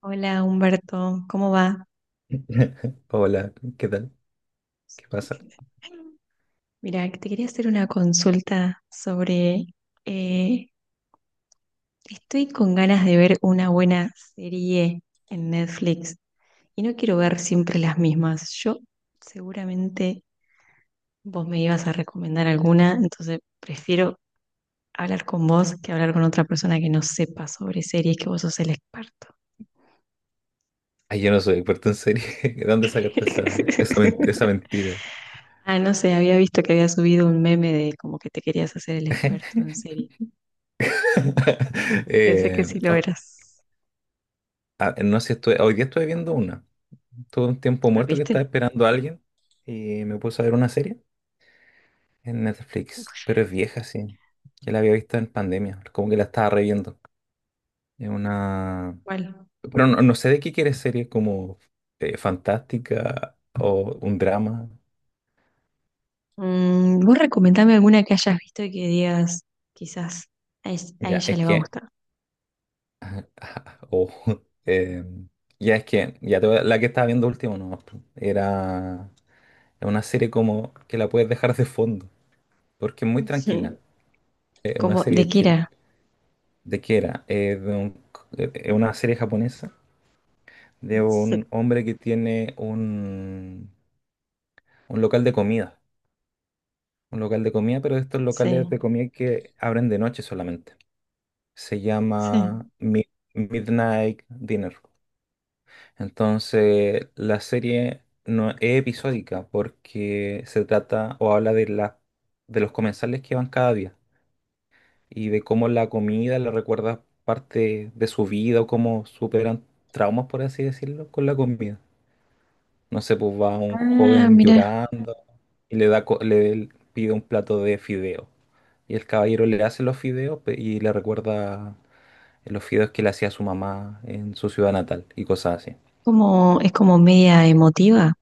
Hola Humberto, ¿cómo va? Hola, ¿qué tal? ¿Qué pasa? Mira, te quería hacer una consulta sobre. eh, Estoy con ganas de ver una buena serie en Netflix y no quiero ver siempre las mismas. Yo seguramente vos me ibas a recomendar alguna, entonces prefiero hablar con vos que hablar con otra persona que no sepa sobre series, que vos sos el experto. Ay, yo no soy experto en serie. ¿De dónde sacaste esa, esa, men- esa mentira? Ah, no sé, había visto que había subido un meme de como que te querías hacer el experto en series. Y pensé que sí lo Oh, eras. ah, no sé si hoy día estuve viendo una. Tuve un tiempo Ah, muerto que estaba ¿viste? esperando a alguien y me puse a ver una serie en Netflix, pero es vieja, sí. Ya la había visto en pandemia, como que la estaba reviendo. Es una... Bueno, Pero no, no sé de qué quieres serie, como fantástica o un drama. Vos recomendame alguna que hayas visto y que digas, quizás a Ya, ella es le va a que. gustar. Ajá, o eh, ya es que, la que estaba viendo último no, era es una serie como que la puedes dejar de fondo, porque es muy tranquila, Ujú. es una Como, ¿de serie qué chill. era? ¿De qué era? Es una serie japonesa de Sí, un hombre que tiene un local de comida, un local de comida, pero de estos locales sí, de comida que abren de noche solamente. Se llama sí. Midnight Dinner. Entonces, la serie no es episódica porque se trata o habla de de los comensales que van cada día y de cómo la comida le recuerda parte de su vida o cómo superan traumas, por así decirlo, con la comida. No sé, pues va un Ah, joven mira, llorando y le da, le pide un plato de fideo. Y el caballero le hace los fideos y le recuerda los fideos que le hacía su mamá en su ciudad natal y cosas así. Es como media emotiva.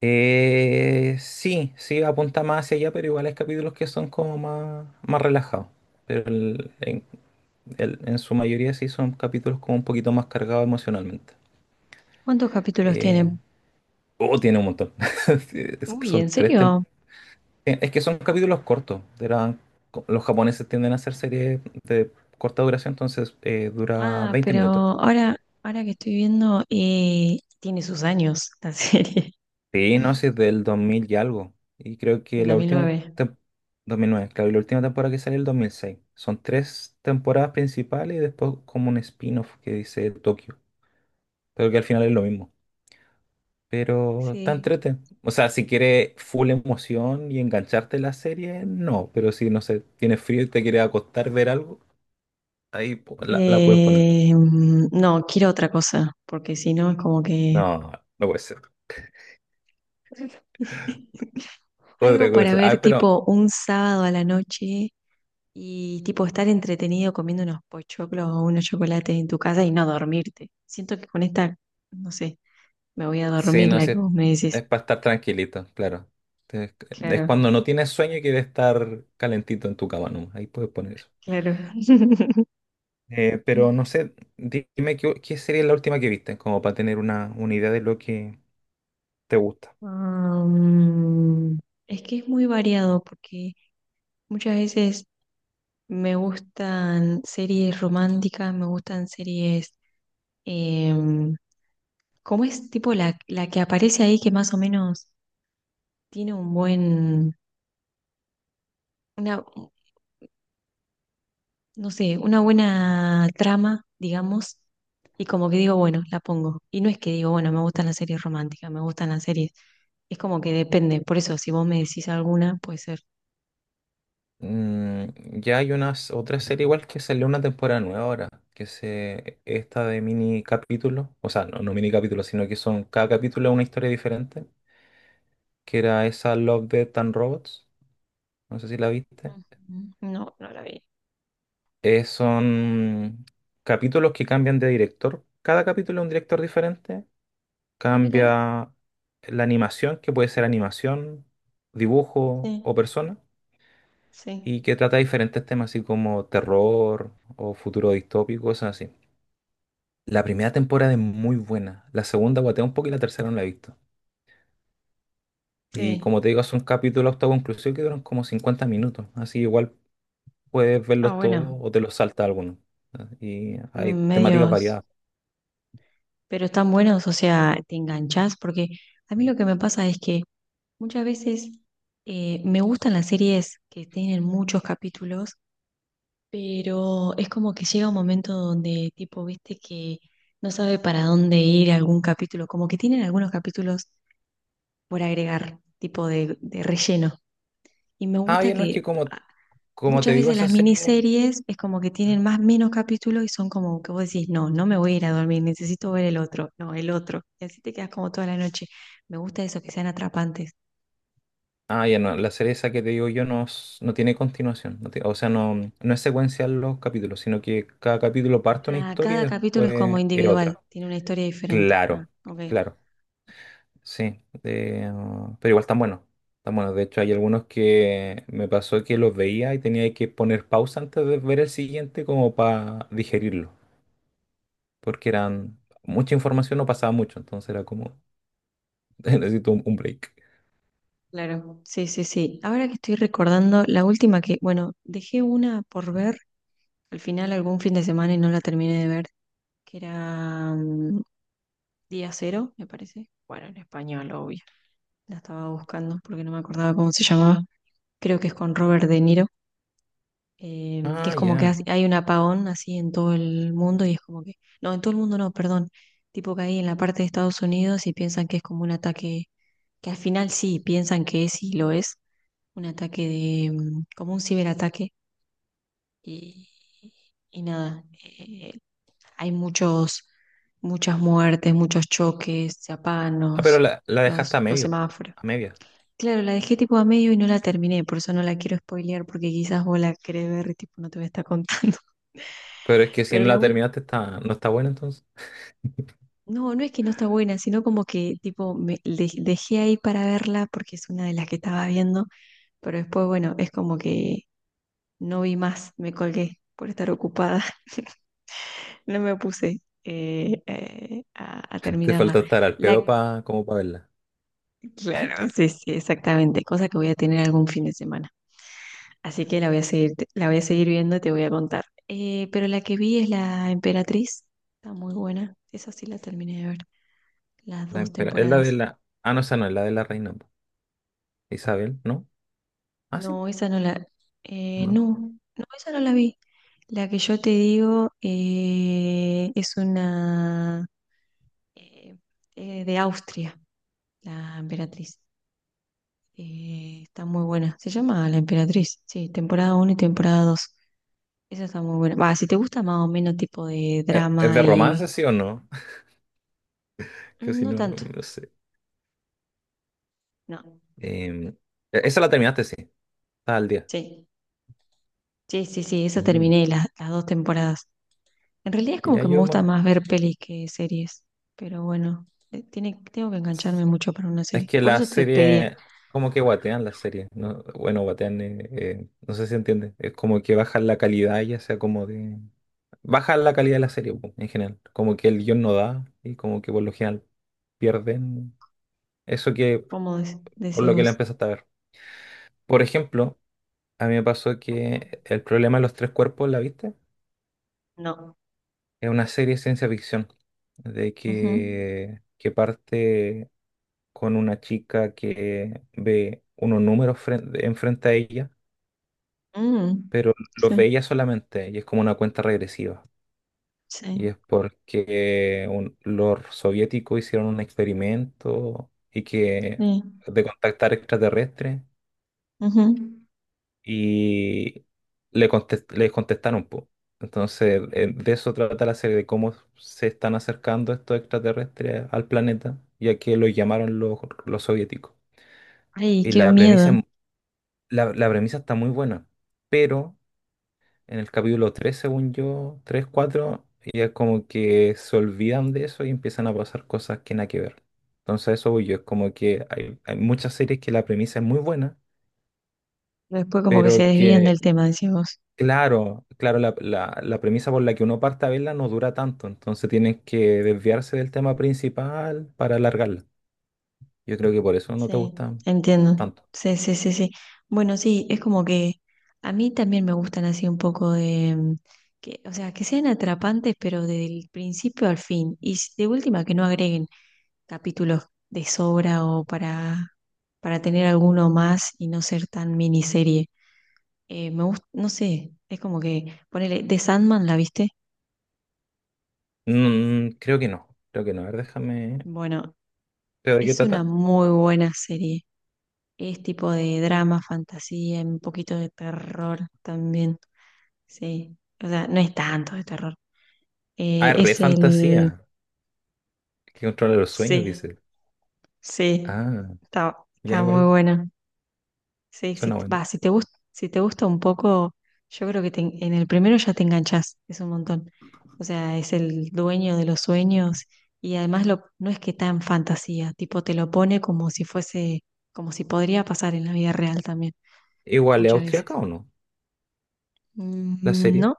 Sí, sí, apunta más hacia allá, pero igual hay capítulos que son como más relajados. Pero el- en, en su mayoría sí son capítulos como un poquito más cargados emocionalmente. ¿Cuántos capítulos Eh, tiene? oh, tiene un montón. Sí, Uy, ¿en serio? Es que son capítulos cortos. Los japoneses tienden a hacer series de corta duración, entonces dura Ah, 20 pero minutos. ahora, ahora que estoy viendo, tiene sus años la serie. Sí, no, sí, es del 2000 y algo. Y creo En que dos mil nueve 2009, claro, y la última temporada que salió el 2006. Son tres temporadas principales y después como un spin-off que dice Tokio. Pero que al final es lo mismo. Pero está Sí. entrete. O sea, si quieres full emoción y engancharte en la serie, no. Pero si, no sé, tienes frío y te quieres acostar, ver algo, ahí la puedes poner. Eh, no, quiero otra cosa, porque si no es como que. No, no puede ser. Otra Algo para cosa. ver Ah, pero tipo un sábado a la noche y tipo estar entretenido comiendo unos pochoclos o unos chocolates en tu casa y no dormirte. Siento que con esta, no sé, me voy a sí, dormir, no, la sí, que es, vos me es decís. para estar tranquilito, claro. Es, es Claro, cuando no tienes sueño y quieres estar calentito en tu cama, ¿no? Ahí puedes poner eso. claro. Pero no sé, dime qué sería la última que viste, como para tener una idea de lo que te gusta. Um, es que es muy variado porque muchas veces me gustan series románticas, me gustan series em, como es tipo la que aparece ahí que más o menos tiene un buen, una, no sé, una buena trama, digamos, y como que digo, bueno, la pongo. Y no es que digo, bueno, me gustan las series románticas, me gustan las series. Es como que depende. Por eso, si vos me decís alguna, puede ser. Mm, ya hay unas otra serie igual que salió una temporada nueva ahora, que se esta de mini capítulos, o sea, no, no mini capítulos, sino que son cada capítulo es una historia diferente, que era esa Love, Death and Robots, no sé si la viste. Ujú. No, no la vi. Son capítulos que cambian de director. Cada capítulo es un director diferente. Ah, mira, Cambia la animación, que puede ser animación, dibujo o sí, persona, sí, y que trata diferentes temas, así como terror o futuro distópico, cosas así. La primera temporada es muy buena. La segunda guatea un poco y la tercera no la he visto. Y sí. como te digo, son capítulos autoconclusivos que duran como 50 minutos. Así igual puedes Ah, verlos todos bueno, o te los salta alguno. ¿No? Y hay temáticas medios. variadas. Pero están buenos, o sea, te enganchás, porque a mí lo que me pasa es que muchas veces me gustan las series que tienen muchos capítulos, pero es como que llega un momento donde tipo, viste que no sabe para dónde ir algún capítulo, como que tienen algunos capítulos por agregar, tipo de relleno. Y me Ah, gusta bien, no es que. que como Como te Muchas digo, veces esa las serie... miniseries es como que tienen más menos capítulos y son como que vos decís, no, no me voy a ir a dormir, necesito ver el otro, no, el otro. Y así te quedas como toda la noche. Me gusta eso, que sean atrapantes. Ah, ya no, la serie esa que te digo yo no, no tiene continuación. O sea, no, no es secuencial los capítulos, sino que cada capítulo parte una Ah, historia y cada capítulo es como después es individual, otra. tiene una historia diferente. Ah, Claro, ok, claro, sí. Pero igual están buenos. Están buenos. De hecho, hay algunos que me pasó que los veía y tenía que poner pausa antes de ver el siguiente como para digerirlo. Porque eran mucha información, no pasaba mucho, entonces era como, necesito un break. claro. Sí, sí, sí. Ahora que estoy recordando, la última que, bueno, dejé una por ver al final algún fin de semana y no la terminé de ver, que era Día Cero, me parece. Bueno, en español, obvio. La estaba buscando porque no me acordaba cómo se llamaba. Creo que es con Robert De Niro, que Ah, es como que ya. Hay un apagón así en todo el mundo y es como que, no, en todo el mundo no, perdón, tipo que hay en la parte de Estados Unidos y piensan que es como un ataque, que al final sí, piensan que es y lo es, un ataque de, como un ciberataque y, y nada, hay muchos, muchas muertes, muchos choques, se apagan Ah, pero los, la dejaste a los medio, semáforos. a media. Claro, la dejé tipo a medio y no la terminé, por eso no la quiero spoilear, porque quizás vos la querés ver y tipo no te voy a estar contando. Pero es que si Pero no la la web, terminaste está, no está buena entonces. no, no es que no está buena, sino como que tipo me dejé ahí para verla porque es una de las que estaba viendo, pero después, bueno, es como que no vi más, me colgué por estar ocupada, no me puse a Te terminarla. falta estar al La, pedo como para verla. claro, sí, sí, exactamente, cosa que voy a tener algún fin de semana. Así que la voy a seguir viendo y te voy a contar. Pero la que vi es la Emperatriz. Está muy buena. Esa sí la terminé de ver. Las dos Es la de temporadas. la... Ah, no, esa no, es la de la reina. Po. Isabel, ¿no? Ah, sí, No, esa no la. No. No, no, esa no la vi. La que yo te digo es una eh, de Austria, la Emperatriz. Está muy buena. Se llama La Emperatriz. Sí, temporada uno y temporada 2. Esa está muy buena. Va, si te gusta más o menos tipo de Es drama de y. romance, sí o no? Que si No no, no, tanto. no sé. No. Em, Esa la terminaste, sí. Está al día. Sí, sí, sí, sí, eso Mm, terminé las dos temporadas. En realidad es como Ya que me yo gusta más. más ver pelis que series, pero bueno, tiene, tengo que engancharme mucho para una Es serie. que Por la eso te pedía, serie, como que guatean la serie, ¿no? Bueno, guatean, no sé si entiende. Es como que bajan la calidad, ya sea como de... Bajan la calidad de la serie, po, en general. Como que el guión no da y como que por lo general pierden eso que ¿cómo por decís lo que la vos? empezaste a ver. Por ejemplo, a mí me pasó que El problema de los tres cuerpos, ¿la viste? No. Es una serie de ciencia ficción, de Ujú. que parte con una chica que ve unos números enfrente a ella Mm, pero los sí, veía solamente y es como una cuenta regresiva. Y sí, es porque los soviéticos hicieron un experimento y que sí. de contactar extraterrestres Ujú. y les contestaron, po. Entonces, de eso trata la serie, de cómo se están acercando estos extraterrestres al planeta, ya que lo llamaron los soviéticos. Ay, Y qué la premisa, miedo. La premisa está muy buena, pero en el capítulo 3, según yo, 3 4, ya como que se olvidan de eso y empiezan a pasar cosas que nada que ver. Entonces a eso voy yo, es como que hay muchas series que la premisa es muy buena, Después como que se pero desvían que, del tema, decís vos. claro, claro, la premisa por la que uno parte a verla no dura tanto, entonces tienes que desviarse del tema principal para alargarla. Yo creo que por eso no te Sí, gusta entiendo. tanto. Sí, sí, sí, sí. Bueno, sí, es como que a mí también me gustan así un poco de, que, o sea, que sean atrapantes, pero del principio al fin. Y de última, que no agreguen capítulos de sobra o para, tener alguno más y no ser tan miniserie. Me gusta, no sé, es como que, ponele, The Sandman, ¿la viste? Creo que no, creo que no. A ver, déjame... Bueno, ¿Pero de qué es una trata? muy buena serie. Es tipo de drama, fantasía, un poquito de terror también. Sí. O sea, no es tanto de terror. Ah, es re Es fantasía. el. Que controla los sueños, Sí, dice. sí. Ah. Está, Ya está muy igual, bueno. Sí, si, suena buena. va, si te gusta un poco, yo creo que te en el primero ya te enganchas es un montón. O sea, es el dueño de los sueños y además lo, no es que tan fantasía, tipo te lo pone como si fuese, como si podría pasar en la vida real también, Igual, ¿es muchas veces. austriaca o no? La Mm, serie, ¿no?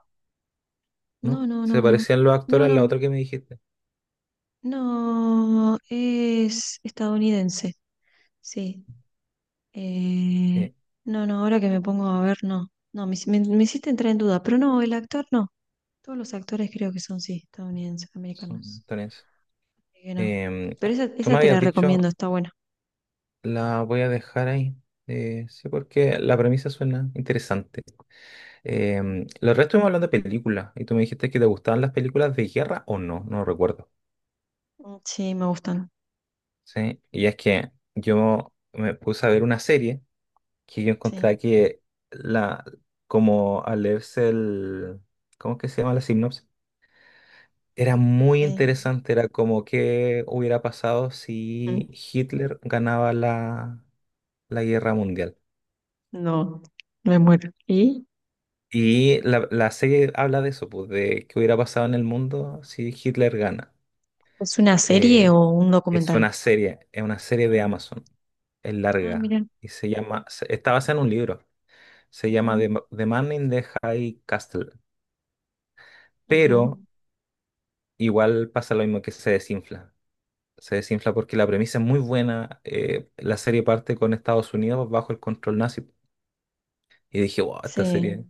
No, ¿no? no, Se no, no. parecían los No, actores a la no, otra que me dijiste. no. Es estadounidense. Sí. Eh, Eh, no, no, ahora que me pongo a ver, no. No, me hiciste entrar en duda. Pero no, el actor no. Todos los actores creo que son, sí, estadounidenses, Son americanos. italianos. Así que no. Em, Pero esa, Tú esa me te habías la recomiendo, dicho, está buena. la voy a dejar ahí. Sí, porque la premisa suena interesante. Los restos estuvimos hablando de películas y tú me dijiste que te gustaban las películas de guerra o no, no recuerdo. Ujú. Sí, me gustan. Sí, y es que yo me puse a ver una serie que yo encontré Sí. que la, como al leerse el, ¿cómo es que se llama la sinopsis? Era muy Sí. interesante, era como qué hubiera pasado Mm. si Hitler ganaba la guerra mundial. No, me muero. ¿Y? Y la serie habla de eso, pues, de qué hubiera pasado en el mundo si Hitler gana. ¿Es una serie Eh, o un es documental? una serie, es una serie de Ah, Amazon, es ah, larga, mira. y está basada en un libro, se llama Ujú, The Man in the High Castle, ujú. pero igual pasa lo mismo que se desinfla. Se desinfla porque la premisa es muy buena. La serie parte con Estados Unidos bajo el control nazi. Y dije, wow, esta Sí. serie,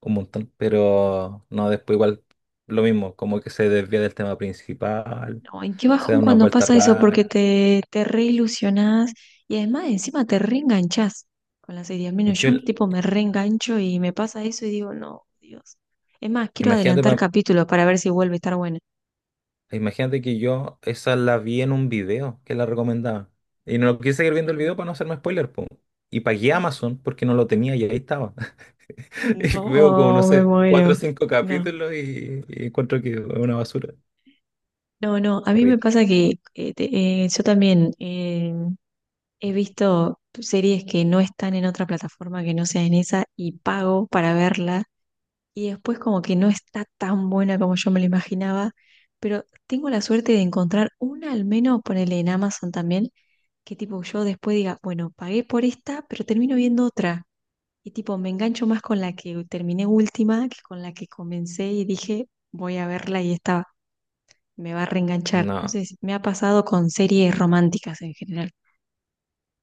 un montón. Pero no, después igual lo mismo, como que se desvía del tema principal, Ay, qué se da bajón una cuando vuelta pasa eso, porque rara. te reilusionás y además encima te reenganchás con la serie. Al menos Yo, yo tipo me reengancho y me pasa eso y digo, no, Dios. Es más, quiero Imagínate, adelantar pa- capítulos para ver si vuelve a estar buena. imagínate que yo esa la vi en un video que la recomendaba. Y no quise seguir viendo el Sí. video para no hacerme spoiler, po. Y pagué Amazon porque no lo tenía y ahí estaba. Veo como, no No, me sé, muero. cuatro o cinco No, capítulos y, encuentro que es una basura. no, no. A mí me Horrible. pasa que yo también he visto series que no están en otra plataforma que no sea en esa y pago para verlas y después como que no está tan buena como yo me lo imaginaba, pero tengo la suerte de encontrar una al menos, ponele en Amazon también, que tipo yo después diga, bueno, pagué por esta, pero termino viendo otra. Y tipo, me engancho más con la que terminé última que con la que comencé y dije, voy a verla y esta me va a reenganchar. No, Entonces, me ha pasado con series románticas en general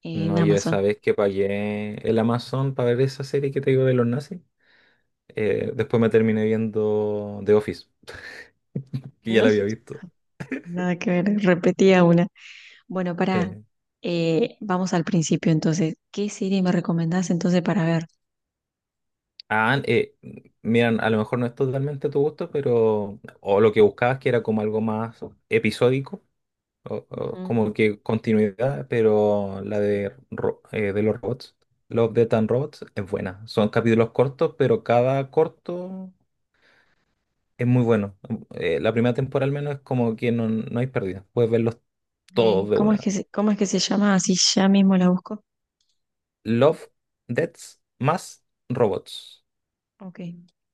en no, yo Amazon. esa vez que pagué el Amazon para ver esa serie que te digo de los nazis, después me terminé viendo The Office, que ya No la había sé. visto. Nada que ver, repetía una. Bueno, para, Sí. Vamos al principio entonces. ¿Qué serie me recomendás entonces para ver? Ah, miran, a lo mejor no es totalmente tu gusto, pero o lo que buscabas que era como algo más episódico, o Ujú. como que continuidad, pero de los robots, Love, Death and Robots, es buena. Son capítulos cortos, pero cada corto es muy bueno. La primera temporada al menos es como que no, no hay pérdida. Puedes verlos todos Ok, de ¿Cómo es una. que se, cómo es que se llama? Así ya mismo la busco. Love, Deaths más Robots. Ok,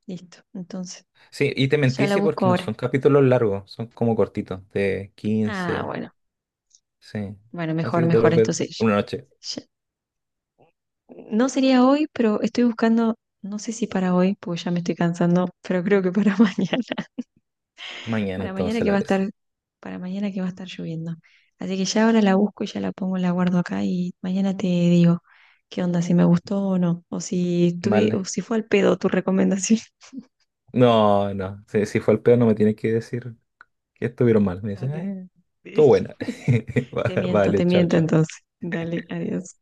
listo. Entonces, Sí, y te ya mentí, la sí, busco porque no ahora. son capítulos largos, son como cortitos, de Ah, 15 bueno, sí. bueno, Así mejor, que te mejor. los ves Entonces, una noche. ya- no sería hoy, pero estoy buscando, no sé si para hoy, porque ya me estoy cansando, pero creo que para mañana. Mañana Para mañana entonces que la va a ves. estar, para mañana que va a estar lloviendo. Así que ya ahora la busco y ya la pongo, la guardo acá y mañana te digo qué onda, si me gustó o no, o si tuve, o Vale. si fue al pedo tu recomendación. No, no. Si, si fue el peor, no me tienes que decir que estuvieron mal. Me dicen, Vale. Todo buena. Va- te Vale, chao, miento chao. entonces. Dale, adiós.